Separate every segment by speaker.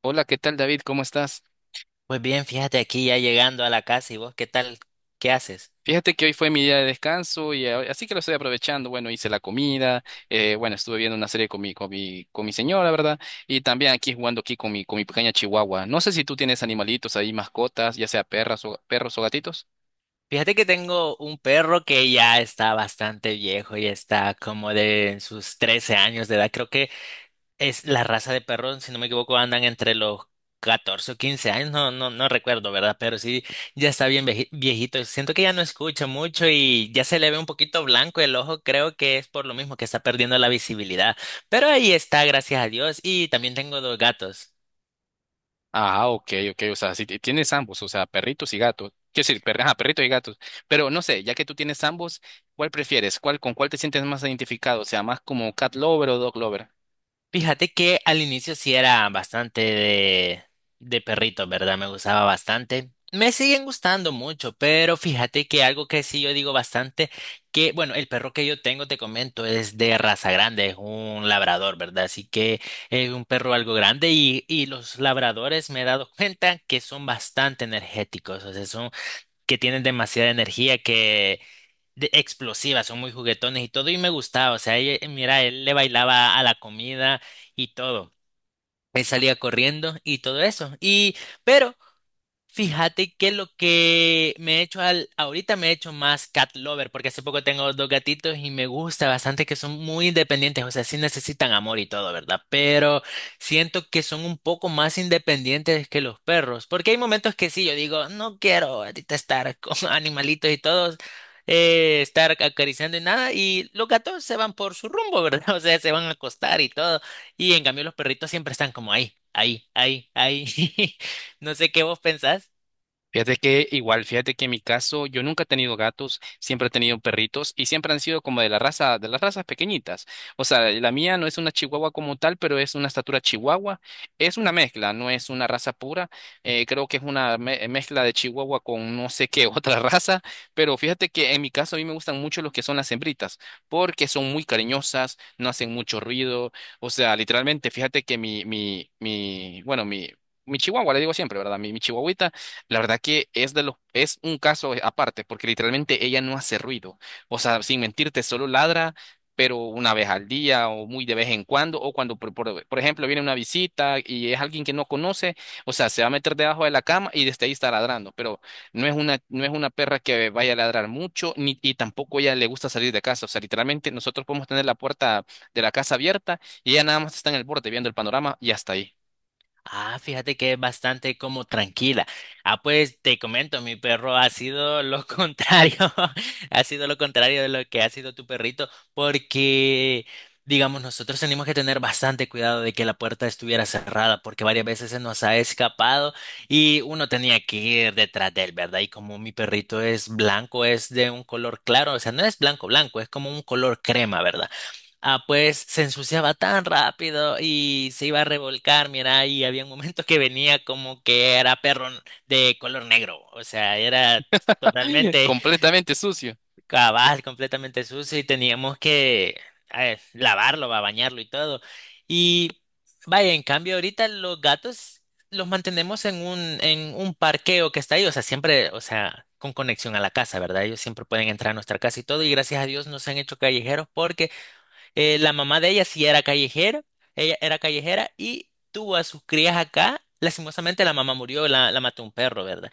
Speaker 1: Hola, ¿qué tal David? ¿Cómo estás?
Speaker 2: Pues bien, fíjate aquí ya llegando a la casa y vos, ¿qué tal? ¿Qué haces?
Speaker 1: Fíjate que hoy fue mi día de descanso y así que lo estoy aprovechando. Bueno, hice la comida, bueno, estuve viendo una serie con mi señora, ¿verdad? Y también aquí jugando aquí con mi pequeña chihuahua. No sé si tú tienes animalitos ahí, mascotas, ya sea perras o, perros o gatitos.
Speaker 2: Fíjate que tengo un perro que ya está bastante viejo, ya está como de en sus 13 años de edad. Creo que es la raza de perro, si no me equivoco, andan entre los 14 o 15 años, no recuerdo, ¿verdad? Pero sí, ya está bien viejito. Siento que ya no escucha mucho y ya se le ve un poquito blanco el ojo. Creo que es por lo mismo que está perdiendo la visibilidad. Pero ahí está, gracias a Dios. Y también tengo dos gatos.
Speaker 1: Ah, ok, ok, o sea, si tienes ambos, o sea, perritos y gatos. Quiero decir, ajá, perritos y gatos. Pero no sé, ya que tú tienes ambos, ¿cuál prefieres? ¿Con cuál te sientes más identificado? O sea, más como cat lover o dog lover.
Speaker 2: Fíjate que al inicio sí era bastante de perrito, ¿verdad? Me gustaba bastante. Me siguen gustando mucho, pero fíjate que algo que sí yo digo bastante, que bueno, el perro que yo tengo, te comento, es de raza grande, es un labrador, ¿verdad? Así que es un perro algo grande y los labradores me he dado cuenta que son bastante energéticos, o sea, son que tienen demasiada energía que explosivas, son muy juguetones y todo, y me gustaba, o sea, mira, él le bailaba a la comida y todo. Él salía corriendo y todo eso. Y, pero fíjate que lo que me he hecho ahorita me he hecho más cat lover, porque hace poco tengo dos gatitos y me gusta bastante que son muy independientes, o sea, sí necesitan amor y todo, ¿verdad? Pero siento que son un poco más independientes que los perros, porque hay momentos que sí, yo digo, no quiero ahorita estar con animalitos y todos, estar acariciando y nada, y los gatos se van por su rumbo, ¿verdad? O sea, se van a acostar y todo, y en cambio los perritos siempre están como ahí, ahí, ahí, ahí. No sé qué vos pensás.
Speaker 1: Fíjate que igual, fíjate que en mi caso yo nunca he tenido gatos, siempre he tenido perritos y siempre han sido como de las razas pequeñitas. O sea, la mía no es una chihuahua como tal, pero es una estatura chihuahua. Es una mezcla, no es una raza pura. Creo que es una mezcla de chihuahua con no sé qué otra raza. Pero fíjate que en mi caso a mí me gustan mucho los que son las hembritas, porque son muy cariñosas, no hacen mucho ruido. O sea, literalmente, fíjate que mi chihuahua, le digo siempre, ¿verdad? Mi chihuahuita. La verdad que es de los, es un caso aparte, porque literalmente ella no hace ruido. O sea, sin mentirte, solo ladra, pero una vez al día o muy de vez en cuando, o cuando, por ejemplo, viene una visita y es alguien que no conoce, o sea, se va a meter debajo de la cama y desde ahí está ladrando, pero no es una perra que vaya a ladrar mucho, ni, y tampoco ella le gusta salir de casa. O sea, literalmente nosotros podemos tener la puerta de la casa abierta y ella nada más está en el borde viendo el panorama y hasta ahí.
Speaker 2: Ah, fíjate que es bastante como tranquila. Ah, pues te comento, mi perro ha sido lo contrario, ha sido lo contrario de lo que ha sido tu perrito, porque, digamos, nosotros tenemos que tener bastante cuidado de que la puerta estuviera cerrada, porque varias veces se nos ha escapado y uno tenía que ir detrás de él, ¿verdad? Y como mi perrito es blanco, es de un color claro, o sea, no es blanco, blanco, es como un color crema, ¿verdad? Ah, pues se ensuciaba tan rápido y se iba a revolcar, mira, y había un momento que venía como que era de color negro, o sea, era totalmente
Speaker 1: Completamente sucio.
Speaker 2: cabal, completamente sucio y teníamos que lavarlo, va, bañarlo y todo. Y vaya, en cambio ahorita los gatos los mantenemos en en un parqueo que está ahí, o sea, siempre, o sea, con conexión a la casa, ¿verdad? Ellos siempre pueden entrar a nuestra casa y todo, y gracias a Dios no se han hecho callejeros porque... la mamá de ella sí era callejera, ella era callejera y tuvo a sus crías acá. Lastimosamente la mamá murió, la mató un perro, ¿verdad?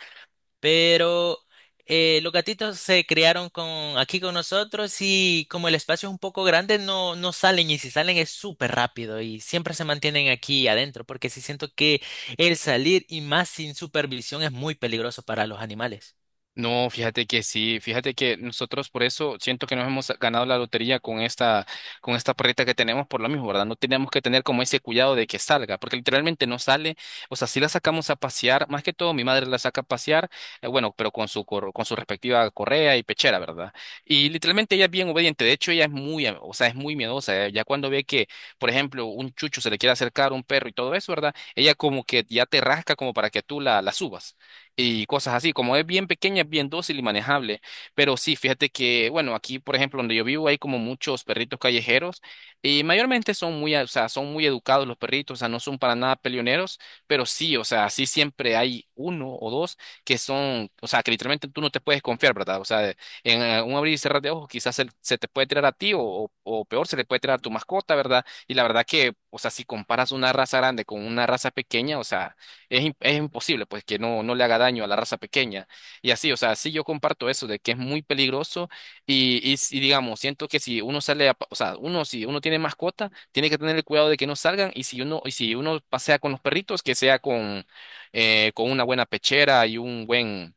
Speaker 2: Pero los gatitos se criaron con, aquí con nosotros y como el espacio es un poco grande, no salen y si salen es súper rápido y siempre se mantienen aquí adentro porque sí siento que el salir y más sin supervisión es muy peligroso para los animales.
Speaker 1: No, fíjate que sí, fíjate que nosotros por eso siento que nos hemos ganado la lotería con esta perrita que tenemos por lo mismo, ¿verdad? No tenemos que tener como ese cuidado de que salga, porque literalmente no sale, o sea, si la sacamos a pasear, más que todo mi madre la saca a pasear, bueno, pero con con su respectiva correa y pechera, ¿verdad? Y literalmente ella es bien obediente, de hecho ella es muy, o sea, es muy miedosa, ya cuando ve que, por ejemplo, un chucho se le quiere acercar a un perro y todo eso, ¿verdad? Ella como que ya te rasca como para que tú la subas y cosas así. Como es bien pequeña, es bien dócil y manejable. Pero sí, fíjate que, bueno, aquí, por ejemplo, donde yo vivo hay como muchos perritos callejeros y mayormente son muy, o sea, son muy educados los perritos, o sea, no son para nada peleoneros, pero sí, o sea, sí siempre hay uno o dos que son, o sea, que literalmente tú no te puedes confiar, ¿verdad? O sea, en un abrir y cerrar de ojos quizás se te puede tirar a ti o peor, se le puede tirar a tu mascota, ¿verdad? Y la verdad que, o sea, si comparas una raza grande con una raza pequeña, o sea, es imposible, pues, que no le haga daño a la raza pequeña. Y así, o sea, sí yo comparto eso de que es muy peligroso y, si, digamos, siento que si uno sale, o sea, uno, si uno tiene mascota, tiene que tener el cuidado de que no salgan y si uno pasea con los perritos, que sea con una buena pechera y un buen...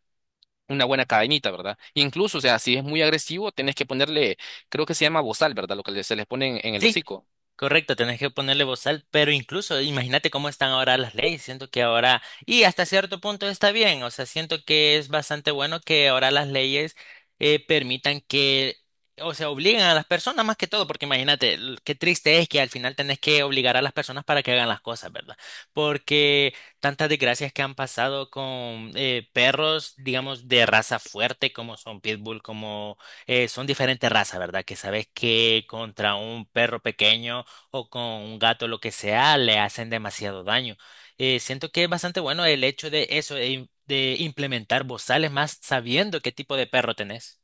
Speaker 1: una buena cadenita, ¿verdad? Incluso, o sea, si es muy agresivo, tenés que ponerle, creo que se llama bozal, ¿verdad? Lo que se les pone en el
Speaker 2: Sí.
Speaker 1: hocico.
Speaker 2: Correcto, tenés que ponerle bozal, pero incluso imagínate cómo están ahora las leyes, siento que ahora, y hasta cierto punto está bien, o sea, siento que es bastante bueno que ahora las leyes permitan que, o sea, obliguen a las personas más que todo, porque imagínate, qué triste es que al final tenés que obligar a las personas para que hagan las cosas, ¿verdad? Porque tantas desgracias que han pasado con perros, digamos, de raza fuerte, como son pitbull, como son diferentes razas, ¿verdad? Que sabes que contra un perro pequeño o con un gato, lo que sea, le hacen demasiado daño. Siento que es bastante bueno el hecho de eso, de, de implementar bozales más sabiendo qué tipo de perro tenés.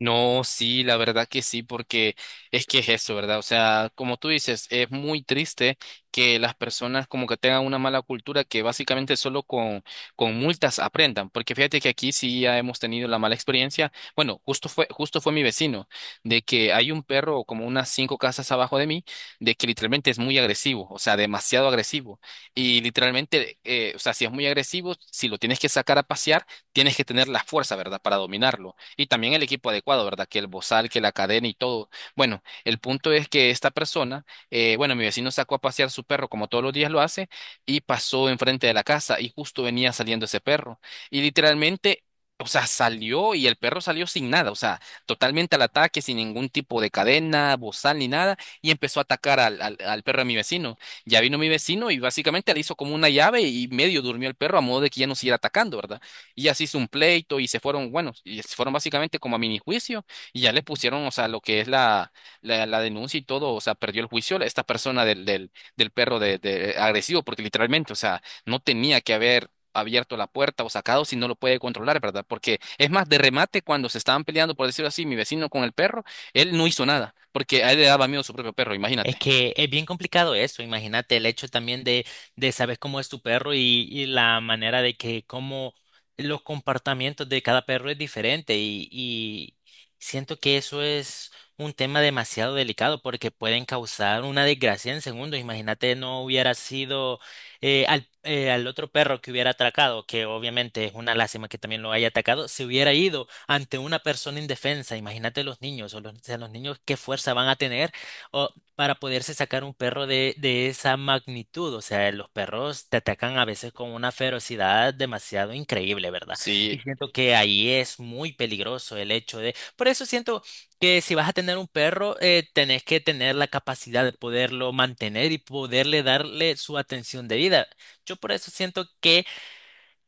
Speaker 1: No, sí, la verdad que sí, porque es que es eso, ¿verdad? O sea, como tú dices, es muy triste que las personas como que tengan una mala cultura que básicamente solo con multas aprendan, porque fíjate que aquí sí ya hemos tenido la mala experiencia. Bueno, justo fue mi vecino, de que hay un perro como unas cinco casas abajo de mí, de que literalmente es muy agresivo, o sea, demasiado agresivo. Y literalmente, o sea, si es muy agresivo, si lo tienes que sacar a pasear, tienes que tener la fuerza, ¿verdad?, para dominarlo. Y también el equipo adecuado, ¿verdad? Que el bozal, que la cadena y todo. Bueno, el punto es que esta persona, bueno, mi vecino sacó a pasear su perro como todos los días lo hace y pasó enfrente de la casa y justo venía saliendo ese perro. Y literalmente... O sea, salió y el perro salió sin nada, o sea, totalmente al ataque, sin ningún tipo de cadena, bozal ni nada, y empezó a atacar al perro de mi vecino. Ya vino mi vecino y básicamente le hizo como una llave y medio durmió el perro a modo de que ya no siguiera atacando, ¿verdad? Y así hizo un pleito y se fueron, bueno, y se fueron básicamente como a mini juicio y ya le pusieron, o sea, lo que es la denuncia y todo, o sea, perdió el juicio esta persona del perro de agresivo, porque literalmente, o sea, no tenía que haber abierto la puerta o sacado si no lo puede controlar, ¿verdad? Porque es más, de remate, cuando se estaban peleando, por decirlo así, mi vecino con el perro, él no hizo nada, porque a él le daba miedo su propio perro,
Speaker 2: Es
Speaker 1: imagínate.
Speaker 2: que es bien complicado eso, imagínate el hecho también de saber cómo es tu perro y la manera de que cómo los comportamientos de cada perro es diferente y siento que eso es un tema demasiado delicado porque pueden causar una desgracia en segundos. Imagínate no hubiera sido al otro perro que hubiera atracado, que obviamente es una lástima que también lo haya atacado, se hubiera ido ante una persona indefensa. Imagínate los niños o los, o sea, los niños qué fuerza van a tener. O para poderse sacar un perro de esa magnitud. O sea, los perros te atacan a veces con una ferocidad demasiado increíble, ¿verdad? Y
Speaker 1: Sí,
Speaker 2: siento que ahí es muy peligroso el hecho de... Por eso siento que si vas a tener un perro, tenés que tener la capacidad de poderlo mantener y poderle darle su atención debida. Yo por eso siento que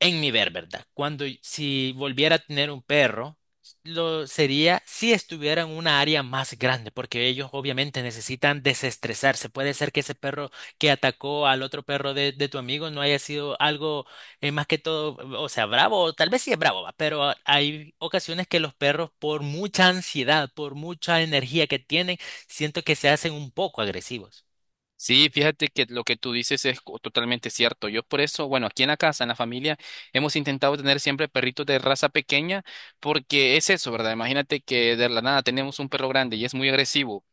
Speaker 2: en mi ver, ¿verdad? Cuando si volviera a tener un perro, lo sería si estuviera en una área más grande, porque ellos obviamente necesitan desestresarse. Puede ser que ese perro que atacó al otro perro de tu amigo no haya sido algo más que todo, o sea, bravo, o tal vez sí es bravo, va, pero hay ocasiones que los perros, por mucha ansiedad, por mucha energía que tienen, siento que se hacen un poco agresivos.
Speaker 1: Sí, fíjate que lo que tú dices es totalmente cierto. Yo por eso, bueno, aquí en la casa, en la familia, hemos intentado tener siempre perritos de raza pequeña porque es eso, ¿verdad? Imagínate que de la nada tenemos un perro grande y es muy agresivo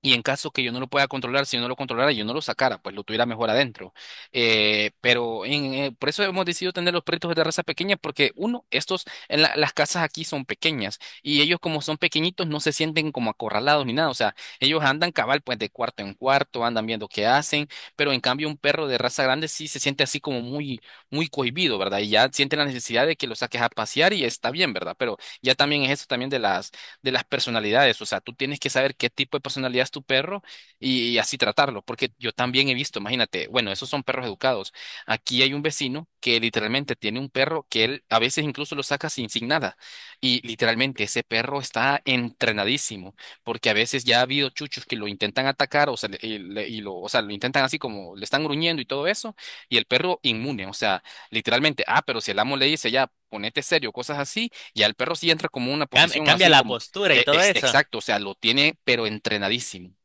Speaker 1: y en caso que yo no lo pueda controlar, si yo no lo controlara, yo no lo sacara, pues lo tuviera mejor adentro. Por eso hemos decidido tener los perritos de raza pequeña, porque uno, estos, en las casas aquí son pequeñas y ellos como son pequeñitos no se sienten como acorralados ni nada. O sea, ellos andan cabal pues de cuarto en cuarto, andan viendo qué hacen, pero en cambio un perro de raza grande sí se siente así como muy, muy cohibido, ¿verdad? Y ya siente la necesidad de que lo saques a pasear y está bien, ¿verdad? Pero ya también es eso también de las personalidades. O sea, tú tienes que saber qué tipo de personalidad es tu perro y así tratarlo, porque yo también he visto, imagínate, bueno, esos son perros educados. Aquí hay un vecino que literalmente tiene un perro que él a veces incluso lo saca sin, sin nada. Y literalmente ese perro está entrenadísimo, porque a veces ya ha habido chuchos que lo intentan atacar, o sea, o sea, lo intentan así como le están gruñendo y todo eso, y el perro inmune, o sea, literalmente, ah, pero si el amo le dice ya, ponete serio, cosas así, ya el perro sí entra como una posición
Speaker 2: Cambia
Speaker 1: así
Speaker 2: la
Speaker 1: como
Speaker 2: postura y todo eso.
Speaker 1: exacto, o sea, lo tiene, pero entrenadísimo.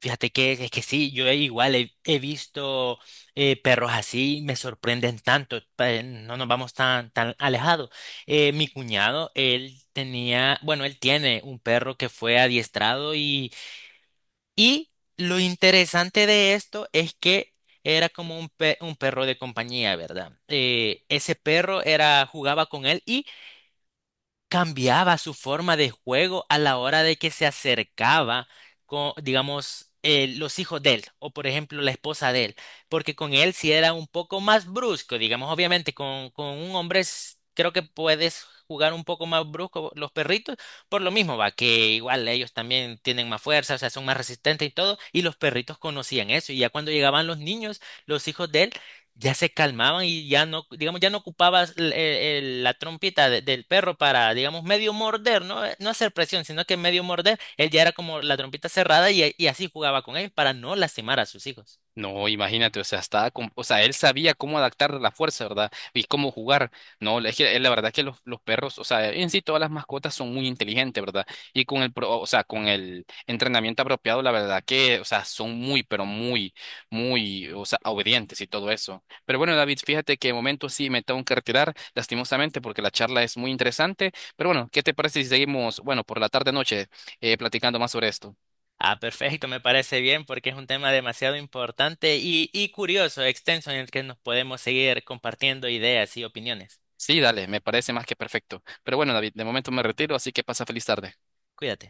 Speaker 2: Fíjate que es que sí, yo igual he visto perros así, me sorprenden tanto, no nos vamos tan, tan alejados. Mi cuñado, él tenía, bueno, él tiene un perro que fue adiestrado y lo interesante de esto es que era como un, un perro de compañía, ¿verdad? Ese perro era, jugaba con él cambiaba su forma de juego a la hora de que se acercaba con, digamos, los hijos de él o, por ejemplo, la esposa de él, porque con él sí era un poco más brusco, digamos, obviamente con un hombre creo que puedes jugar un poco más brusco los perritos, por lo mismo va, que igual ellos también tienen más fuerza, o sea, son más resistentes y todo, y los perritos conocían eso, y ya cuando llegaban los niños, los hijos de él, ya se calmaban y ya no, digamos, ya no ocupabas la trompita del perro para, digamos, medio morder, ¿no? No hacer presión, sino que medio morder, él ya era como la trompita cerrada y así jugaba con ellos para no lastimar a sus hijos.
Speaker 1: No, imagínate, o sea, o sea, él sabía cómo adaptar la fuerza, ¿verdad? Y cómo jugar. No, es que la verdad que los perros, o sea, en sí todas las mascotas son muy inteligentes, ¿verdad? Y con o sea, con el entrenamiento apropiado, la verdad que, o sea, son muy, pero muy, muy, o sea, obedientes y todo eso. Pero bueno, David, fíjate que de momento sí me tengo que retirar, lastimosamente, porque la charla es muy interesante. Pero bueno, ¿qué te parece si seguimos, bueno, por la tarde-noche, platicando más sobre esto?
Speaker 2: Ah, perfecto, me parece bien porque es un tema demasiado importante y curioso, extenso, en el que nos podemos seguir compartiendo ideas y opiniones.
Speaker 1: Sí, dale, me parece más que perfecto. Pero bueno, David, de momento me retiro, así que pasa feliz tarde.
Speaker 2: Cuídate.